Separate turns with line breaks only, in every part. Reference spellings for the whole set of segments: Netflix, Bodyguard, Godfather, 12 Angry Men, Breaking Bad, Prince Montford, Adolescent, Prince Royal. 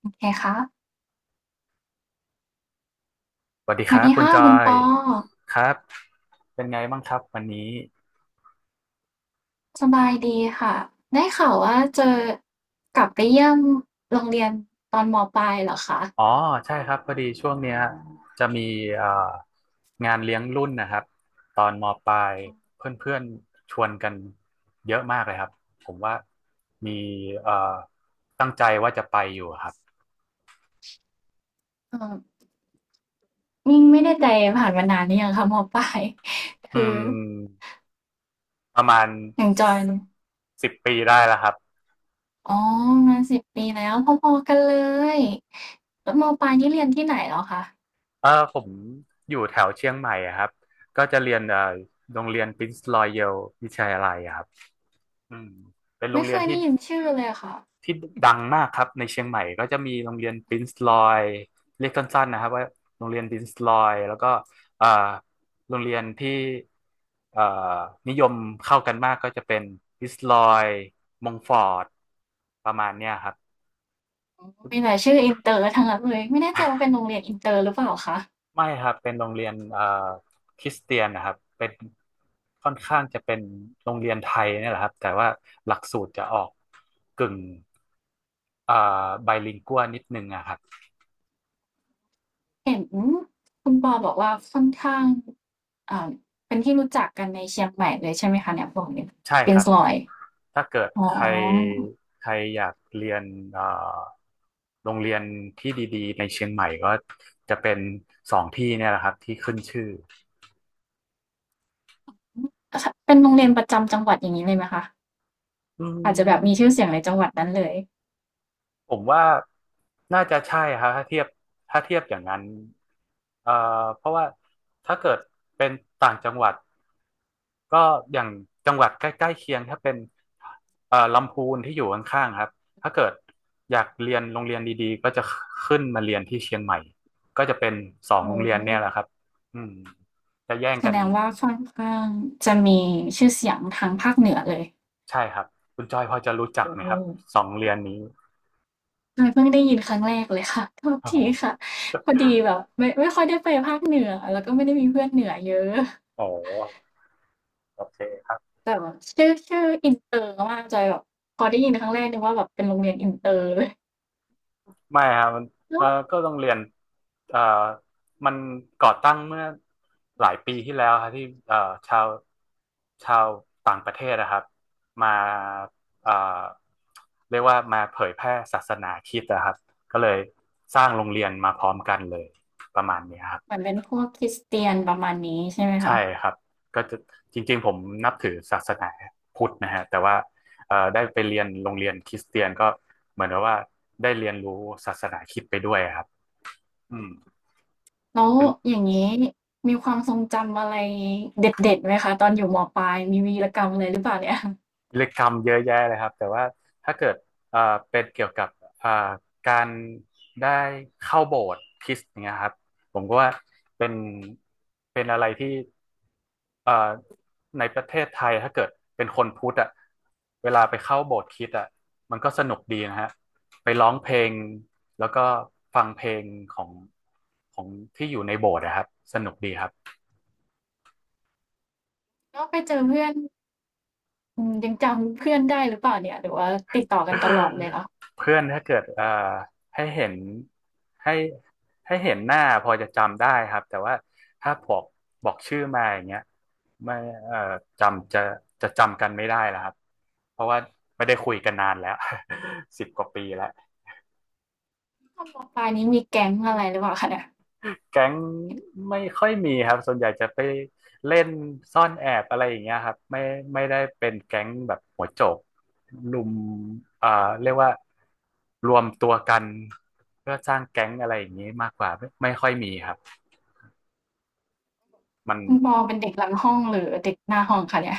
โอเคค่ะ
สวัสดี
ส
ค
วัส
รับ
ดี
คุณ
ค่ะ
จอ
คุณป
ย
อ
ครับเป็นไงบ้างครับวันนี้
สบายดีค่ะได้ข่าวว่าเจอกลับไปเยี่ยมโรงเรียนตอนมปลายเหรอคะ
อ๋อใช่ครับพอดีช่วงเนี้ยจะมีเอ่องานเลี้ยงรุ่นนะครับตอนมปลายเพื่อนๆชวนกันเยอะมากเลยครับผมว่ามีเอ่อตั้งใจว่าจะไปอยู่ครับ
เออนี่งไม่ได้ใจผ่านมานานหร่อยังคะมปลาย
อื
คือ
มประมาณ
อย่างจอย
10 ปีได้แล้วครับ
อ๋อมาสิบปีแล้วพอๆกันเลยแล้วมปลายนี่เรียนที่ไหนเหรอคะ
เออผมอยู่แถวเชียงใหม่อะครับก็จะเรียนโรงเรียน Prince Royal วิทยาลัยอะครับ อืมเป็นโร
ไม่
ง
เค
เรียน
ย
ที่
ได้ยินชื่อเลยค่ะ
ที่ดังมากครับในเชียงใหม่ก็จะมีโรงเรียนปรินซ์ลอยเรียกสั้นๆนะครับว่าโรงเรียนปรินซ์ลอยแล้วก็เอ่อโรงเรียนที่เอ่อนิยมเข้ากันมากก็จะเป็นปรินซ์ลอยมงฟอร์ดประมาณเนี้ยครับ
มีแต่ชื่ออินเตอร์ทั้งนั้นเลยไม่แน่ใจว่าเป็นโรงเรียนอินเตอร์หรือเปล่าคะ
ไม่ครับเป็นโรงเรียนคริสเตียนนะครับเป็นค่อนข้างจะเป็นโรงเรียนไทยเนี่ยแหละครับแต่ว่าหลักสูตรจะออกกึ่งเอ่อไบลิงกัวนิดนึงอะครับ
เห็นคุณปอบอกว่าค่อนข้างอ่าเป็นที่รู้จักกันในเชียงใหม่เลยใช่ไหมคะเนี่ยบอกเนี่ย
ใช่
เป็
ค
น
รับ
ซอย
ถ้าเกิด
อ๋
ใคร
อ
ใครอยากเรียนเอ่อโรงเรียนที่ดีๆในเชียงใหม่ก็จะเป็นสองที่เนี่ยแหละครับที่ขึ้นชื่อ
เป็นโรงเรียนประจำจังหวัดอย่างนี้เลยไหมคะ
อื
อาจจะแบบมีชื่อ
ม
เสียงในจังหวัดนั้นเลย
ผมว่าน่าจะใช่ครับถ้าเทียบอย่างนั้นเอ่อเพราะว่าถ้าเกิดเป็นต่างจังหวัดก็อย่างจังหวัดใกล้ๆเคียงถ้าเป็นลำพูนที่อยู่ข้างๆครับถ้าเกิดอยากเรียนโรงเรียนดีๆก็จะขึ้นมาเรียนที่เชียงใหม่ก็จะเป็นสองโร
โอ้
งเรียนเนี่ยแหละครับอืมจะแย่ง
แส
กัน
ดงว่าค่อนข้างจะมีชื่อเสียงทางภาคเหนือเลย
ใช่ครับคุณจอยพอจะรู้จัก
โอ้
ไหมครับสองโรงเรียนนี้
ใช่เพิ่งได้ยินครั้งแรกเลยค่ะโทษ
อ๋
ทีค่ะ
อ
พอดีแบบไม่ค่อยได้ไปภาคเหนือ แล้วก็ไม่ได้มีเพื่อนเหนือเยอะ
อ๋อโอเคครับ
แต่แบบชื่ออินเตอร์มากจอยแบบพอได้ยินครั้งแรกนึกว่าแบบเป็นโรงเรียนอินเตอร์เลย
ไม่ครับมันเอ
แล้
อ
ว
ก็โรงเรียนเออมันก่อตั้งเมื่อหลายปีที่แล้วครับที่เออชาวชาวต่างประเทศนะครับมาเออเรียกว่ามาเผยแพร่ศาสนาคริสต์นะครับก็เลยสร้างโรงเรียนมาพร้อมกันเลยประมาณนี้ครับ
เหมือนเป็นพวกคริสเตียนประมาณนี้ใช่ไหม
ใช่
คะ
ครับก็จะจริงๆผมนับถือศาสนาพุทธนะฮะแต่ว่าได้ไปเรียนโรงเรียนคริสเตียนก็เหมือนกับว่าได้เรียนรู้ศาสนาคริสต์ไปด้วยครับอืม
แล้วอย่างงี้มีความทรงจำอะไรเด็ดๆไหมคะตอนอยู่มปลายมีวีรกรรมอะไรหรือเปล่าเนี่ย
เรียกรำเยอะแยะเลยครับแต่ว่าถ้าเกิดเอ่อเป็นเกี่ยวกับเอ่อการได้เข้าโบสถ์คริสต์อย่างเงี้ยครับผมก็ว่าเป็นเป็นอะไรที่เอ่อในประเทศไทยถ้าเกิดเป็นคนพุทธอ่ะเวลาไปเข้าโบสถ์คริสต์อ่ะมันก็สนุกดีนะฮะไปร้องเพลงแล้วก็ฟังเพลงของของที่อยู่ในโบสถ์นะครับสนุกดีครับ
แล้วไปเจอเพื่อนอืมยังจำเพื่อนได้หรือเปล่าเนี่ยหรือว่าติดต่อกันตลอดเลยคะ
เพื่อนถ้าเกิดให้เห็นให้ให้เห็นหน้าพอจะจำได้ครับแต่ว่าถ้าบอกชื่อมาอย่างเงี้ยไม่เอ่อจำจะจะจำกันไม่ได้แล้วครับเพราะว่าไม่ได้คุยกันนานแล้ว 10 กว่าปีแล้ว
ตอนมปลายนี้มีแก๊งอะไรหรือเปล่าคะเนี่ย
แก๊งไม่ค่อยมีครับส่วนใหญ่จะไปเล่นซ่อนแอบอะไรอย่างเงี้ยครับไม่ได้เป็นแก๊งแบบหัวโจกลุมเอ่อเรียกว่ารวมตัวกันเพื่อสร้างแก๊งอะไรอย่างนี้มากกว่าไม่ค่อยมีครับมัน
คุณปอเป็นเด็กหลังห้องหรือเด็กหน้าห้องคะเนี่ย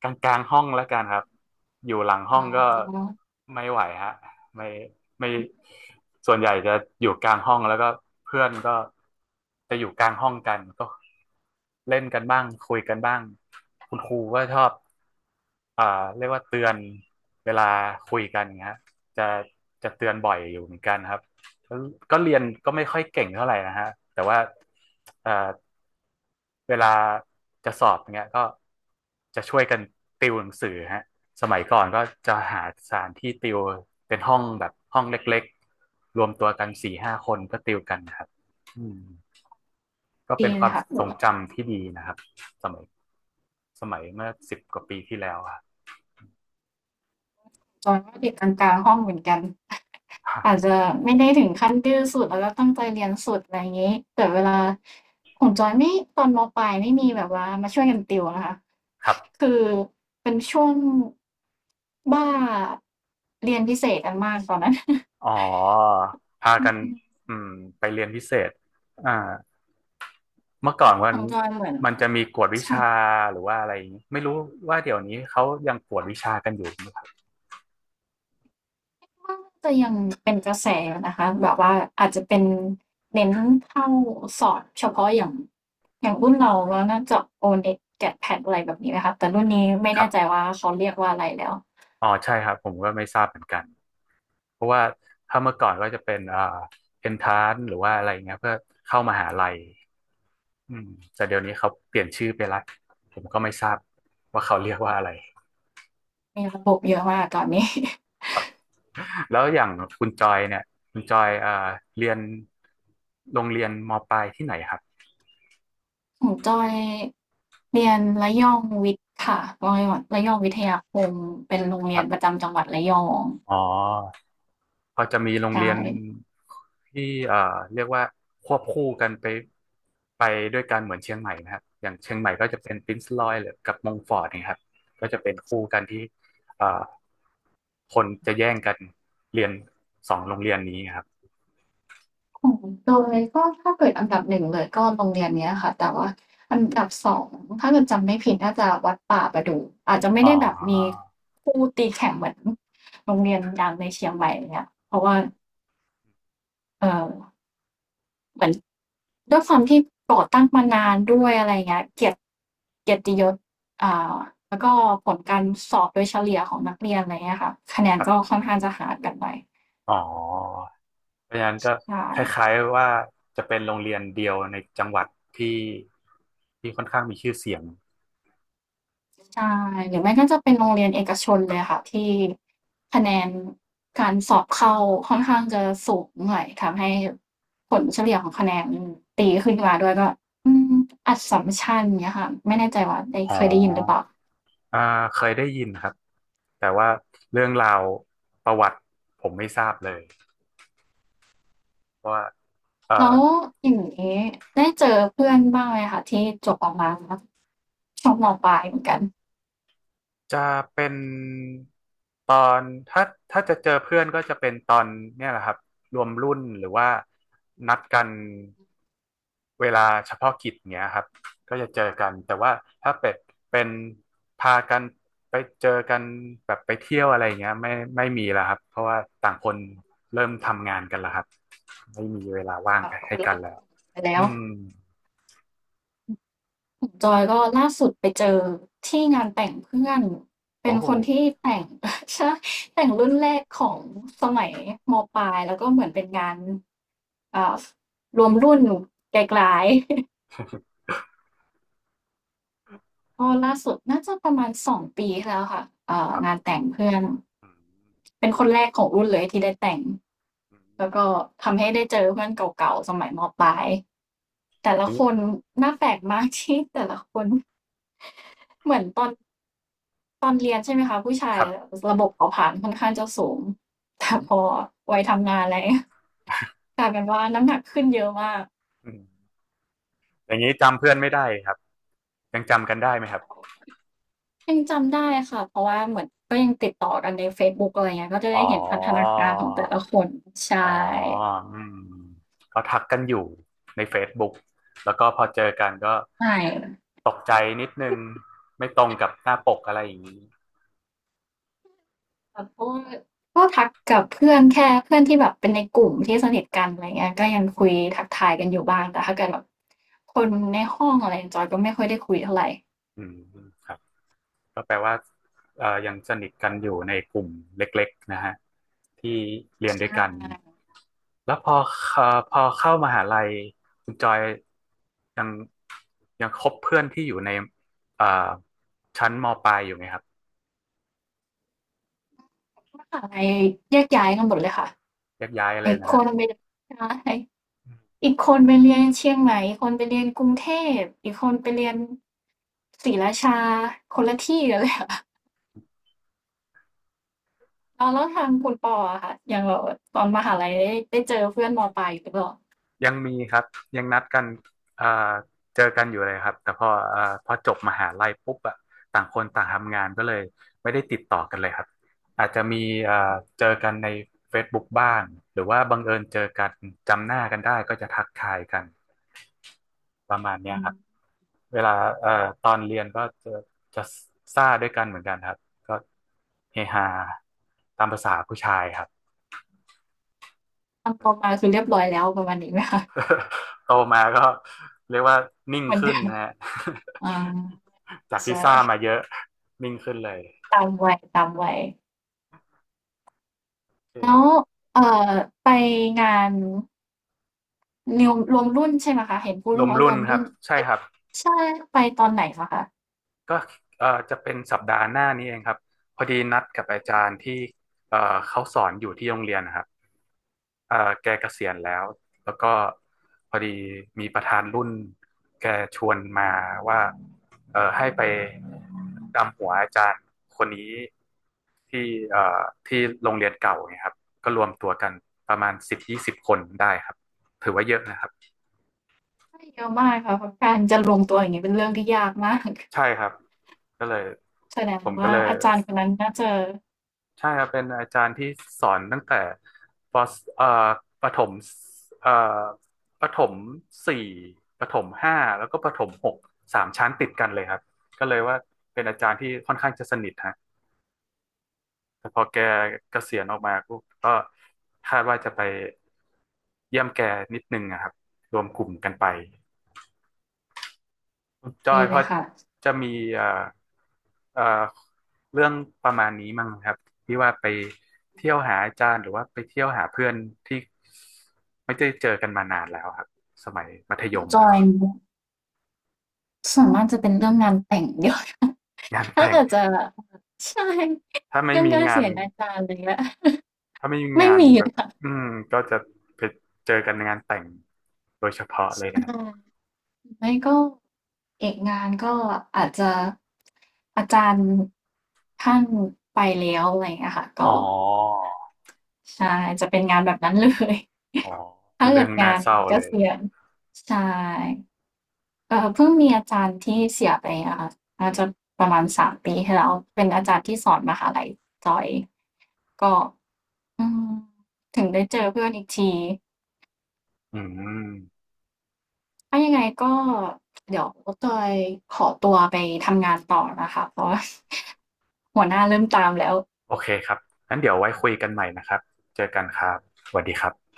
กลางห้องแล้วกันครับอยู่หลังห้
อ๋
องก็
อ
ไม่ไหวฮะไม่ไม่ส่วนใหญ่จะอยู่กลางห้องแล้วก็เพื่อนก็จะอยู่กลางห้องกันก็เล่นกันบ้างคุยกันบ้างคุณครูก็ชอบอ่าเรียกว่าเตือนเวลาคุยกันนะฮะจะจะเตือนบ่อยอยู่เหมือนกันครับก็ก็เรียนก็ไม่ค่อยเก่งเท่าไหร่นะฮะแต่ว่าเอ่อ เวลาจะสอบเงี้ยก็จะช่วยกันติวหนังสือฮะสมัยก่อนก็จะหาสถานที่ติวเป็นห้องแบบห้องเล็กๆรวมตัวกันสี่ห้าคนก็ติวกันนะครับอืมก็เป็
ดี
นค
เล
วาม
ยค่ะ
ทรงจำที่ดีนะครับสมัยสมัยเมื่อสิบกว่าปีที่แล้วอะ
จอยว่าเด็กกลางๆห้องเหมือนกัน อาจ
ค
จะไม่ได้ถึงขั้นดื้อสุดแล้วก็ตั้งใจเรียนสุดอะไรอย่างนี้แต่เวลาของจอยไม่ตอนมปลายไม่มีแบบว่ามาช่วยกันติวนะคะ
รับ
คือเป็นช่วงบ้าเรียนพิเศษกันมากตอนนั้น
อ๋อพา
อื
กัน
ม
อืมไปเรียนพิเศษอ่าเมื่อก่อน
ข
มัน
องจอยเหมือน
มันจะมีกวดวิ
ใช่
ชาหรือว่าอะไรอย่างงี้ไม่รู้ว่าเดี๋ยวนี้เขายังกวดวิชากันอยู่ไหม
ก็จะยังเป็นกระแสอยู่นะคะแบบว่าอาจจะเป็นเน้นเข้าสอบเฉพาะอย่างอย่างรุ่นเราแล้วน่าจะ O-NET GAT-PAT อะไรแบบนี้ไหมคะแต่รุ่นนี้ไม่
ครั
แน่ใจ
บ
ว่าเขาเรียกว่าอะไรแล้ว
อ๋อใช่ครับผมก็ไม่ทราบเหมือนกันเพราะว่าถ้าเมื่อก่อนก็จะเป็นเอนทานหรือว่าอะไรเงี้ยเพื่อเข้ามหาลัยอืมแต่เดี๋ยวนี้เขาเปลี่ยนชื่อไปละผมก็ไม่ทราบว่าเขาเรียกว่าอะไร
มีระบบเยอะมากตอนนี้
แล้วอย่างคุณจอยเนี่ยคุณจอยเรียนโรงเรียนมปลายที่ไหนครับ
ของจอยเรียนระยองวิทย์ค่ะระยองวิทยาคมเป็นโรง
ค
เรีย
รั
นป
บ
ระจำจังหวัดระยอง
อ๋อ พอจะมีโรง
ใช่
เรียนที่เอ่อเรียกว่าควบคู่กันไปด้วยกันเหมือนเชียงใหม่นะครับอย่างเชียงใหม่ก็จะเป็นปรินซ์รอยหรือกับมงฟอร์ดนะครับก็จะเป็นคู่กันที่เอ่อคนจะแย่งกันเรียนสองโรงเรียนนี้ครับ
ของเตยก็ถ้าเกิดอันดับหนึ่งเลยก็โรงเรียนเนี้ยค่ะแต่ว่าอันดับสองถ้าเกิดจำไม่ผิดน่าจะวัดป่าประดู่อาจจะไม่
อ๋
ได้แบบมี
อ
คู่ตีแข่งเหมือนโรงเรียนดังในเชียงใหม่อย่างเงี้ยเพราะว่าเอ่อเหมือนด้วยความที่ก่อตั้งมานานด้วยอะไรอย่างเงี้ยเกียรติยศอ่าแล้วก็ผลการสอบโดยเฉลี่ยของนักเรียนอะไรเงี้ยค่ะคะแนน
ครั
ก็
บ
ค่อนข้างจะห่างกันไป
อ๋อเพราะฉะนั้นก็
ใช
ค
่
ล้ายๆว่าจะเป็นโรงเรียนเดียวในจังหวัดที่ที่ค่อนข้างมีชื่อเสียง
ใช่หรือไม่ก็จะเป็นโรงเรียนเอกชนเลยค่ะที่คะแนนการสอบเข้าค่อนข้างจะสูงหน่อยทำให้ผลเฉลี่ยของคะแนนตีขึ้นมาด้วยก็อืมอัสสัมชัญเงี้ยค่ะไม่แน่ใจว่าได้
อ๋
เคยได้ยินหรือเป
อ
ล่า
อ่าเคยได้ยินครับ แต่ว่าเรื่องราวประวัติผมไม่ทราบเลยเพราะว่าเอ่
แล้
อ
วอย่างงี้ได้เจอเพื่อนบ้างไหมคะที่จบออกมาแล้วช่วงมปลายเหมือนกัน
จะเป็นตอนถ้าถ้าจะเจอเพื่อนก็จะเป็นตอนเนี่ยแหละครับรวมรุ่นหรือว่านัดกันเวลาเฉพาะกิจเนี้ยครับก็จะเจอกันแต่ว่าถ้าเป็ดเป็นพากันไปเจอกันแบบไปเที่ยวอะไรเงี้ยไม่มีแล้วครับเพราะว่าต่างคนเริ่มทำงานกันแล้วครับไม่มีเวลา
จะ
ว่าง
แบบค
ให้
นละ
กันแล้ว
ไปแล้ว
อืม
ของจอยก็ล่าสุดไปเจอที่งานแต่งเพื่อน
โอ้
เป็นคนที่แต่ง ใช่แต่งรุ่นแรกของสมัยมปลายแล้วก็เหมือนเป็นงานเอ่ารวมรุ่นไกลๆ ก็ล่าสุดน่าจะประมาณสองปีที่แล้วค่ะ
ครั
งาน
บ
แต่งเพื่อน
อืม
เป็นคนแรกของรุ่นเลยที่ได้แต่งแล้วก็ทำให้ได้เจอเพื่อนเก่าๆสมัยมปลายแต่
อืมอ
ละ
ย่าง
ค
นี้
นหน่าแปลกมากที่แต่ละคน เหมือนตอนเรียนใช่ไหมคะผู้ชา
ค
ย
รับ
ระบบเผาผลาญค่อนข้างจะสูง แต่พอวัยทำงานอะไร เงี้ยกลายเป็นว่าน้ำหนักขึ้นเยอะมาก
อืมอย่างนี้จำเพื่อนไม่ได้ครับยังจำกันได้ไหมครับ
ยังจำได้ค่ะเพราะว่าเหมือนก็ยังติดต่อกันในเฟซบุ๊กอะไรเงี้ยก็จะ
อ๋
ได้
อ
เห็นพัฒนาการของแต่ละคนใช่
อ๋ออืมก็ทักกันอยู่ใน Facebook แล้วก็พอเจอกันก็
ใช่
ตกใจนิดนึงไม่ตรงกับหน้าปกอะไรอย่างนี้
ค่ะเพราะว่าก็ทักกับเพื่อนแค่เพื่อนที่แบบเป็นในกลุ่มที่สนิทกันอะไรเงี้ยก็ยังคุยทักทายกันอยู่บ้างแต่ถ้าเกิดแบบคนในห้องอะไรจอยก็ไม่ค่อยได้คุยเท่าไร
อืมครับก็แปลว่ายังสนิทกันอยู่ในกลุ่มเล็กๆนะฮะที่เรียน
ใช
ด้วยกัน
่
แล้วพอเอ่อพอเข้ามหาลัยคุณจอยยังยังคบเพื่อนที่อยู่ในเอ่อชั้นมปลายอยู่ไหมครับ
มหาลัยแยกย้ายกันหมดเลยค่ะ
แยกย้ายเล
ไอ้
ยนะ
ค
ฮะ
นไปใช่อีกคนไปเรียนเชียงใหม่อีกคนไปเรียนกรุงเทพ อีกคนไปเรียนศรีราชาคนละที่กันเลยอะ อ้เวแล้วทางคุณปออะค่ะอย่างแบบตอนมหาลัยได้เจอเพื่อนมปลายอยู่หรือเปล่า
ยังมีครับยังนัดกันเอ่อเจอกันอยู่เลยครับแต่พอพอจบมหาลัยปุ๊บอะต่างคนต่างทำงานก็เลยไม่ได้ติดต่อกันเลยครับอาจจะมีเอ่อเจอกันใน Facebook บกบ้างหรือว่าบังเอิญเจอกันจำหน้ากันได้ก็จะทักทายกัน ประมาณเนี้
อื
ยครับ
ม
เวลาเอ่อตอนเรียนก็จะซ่าด้วยกันเหมือนกันครับ ก็เฮฮาตามภาษาผู้ชายครับ
ตอนโตมาคือเรียบร้อยแล้วประมาณนี้ไหมคะ
โตมาก็เรียกว่านิ่ง
เหมือน
ขึ้น
เดิม
นะฮะ
อา
จาก
ใช่
ที่ซ่ามาเยอะนิ่งขึ้นเลย
ตามวัยตามวัย
ล
แล้ว
อ
เอ่อไปงานรวมรุ่นใช่ไหมคะเห็นพูด
รวม
ว่าร
รุ่น
วม
ค
รุ่
รับ
น
ใช่
ไป
ครับ
ใช่ไปตอนไหนเหรอคะ
ก็จะเป็นสัปดาห์หน้านี้เองครับพอดีนัดกับอาจารย์ที่เขาสอนอยู่ที่โรงเรียนนะครับแกเกษียณแล้วแล้วก็พอดีมีประธานรุ่นแกชวนมาว่าให้ไปดำหัวอาจารย์คนนี้ที่เอ่อที่โรงเรียนเก่าเนี่ยครับก็รวมตัวกันประมาณสิบยี่สิบคนได้ครับถือว่าเยอะนะครับ
ใช่เยอะมากค่ะเพราะการจะรวงตัวอย่างงี้เป็นเรื่องที่ยากมาก
ใช่ครับก็เลย
แสดง
ผมก็
ว่า
เลย
อาจารย์คนนั้นน่าจะ
ใช่ครับเป็นอาจารย์ที่สอนตั้งแต่ปสเอ่อประถมเอ่อประถมสี่ประถมห้าแล้วก็ประถมหกสามชั้นติดกันเลยครับก็เลยว่าเป็นอาจารย์ที่ค่อนข้างจะสนิทฮะแต่พอแกเกษียณออกมาปุ๊บก็คาดว่าจะไปเยี่ยมแกนิดนึงนะครับรวมกลุ่มกันไป คุณจอ
ดี
ยพ
เล
อ
ยค่ะ
จะมีเอ่อเอ่อเรื่องประมาณนี้มั้งครับที่ว่าไปเที่ยวหาอาจารย์หรือว่าไปเที่ยวหาเพื่อนที่ไม่ได้เจอกันมานานแล้วครับสมัยมัธ
ข
ย
อง
ม
จ
ค
อ
รับ
ยเนี่ยส่วนมากจะเป็นเรื่องงานแต่งเดียอะ
งาน
ถ้า
แต่ง
เกิดจะใช่
ถ้าไม่
เรื่อง
มี
การ
งา
เสี
น
ยอาจารย์อะไรเงี้ย
ถ้าไม่มี
ไม่
งาน
มี
แบ
เล
บ
ยค่ะ
อืมก็จะไปเจอกันในงานแต่งโดยเฉพาะเลยนะครับ
อาไม่ก็เอกงานก็อาจจะอาจารย์ท่านไปแล้วอะไรเงี้ยค่ะ
อ๋อ
ก็ใช่จะเป็นงานแบบนั้นเลย
อ๋อ เป็
ถ้า
น
เกิ
เรื่อ
ด
ง
งา
น่า
น
เศร้า
เก
เลย
ษียณใช่ เพิ่งมีอาจารย์ที่เสียไปอะค่ะน่าจะประมาณ3ปีที่แล้วเป็นอาจารย์ที่สอนมหาลัยจอยก็อืมถึงได้เจอเพื่อนอีกที
อืม
ถ้ายังไงก็เดี๋ยวจอยขอตัวไปทำงานต่อนะคะเพราะว่า หัวหน้าเริ่มตามแล้ว
โอเคครับงั้นเดี๋ยวไว้คุยกันใหม่นะครับเจอกันครับสวัสดีครับ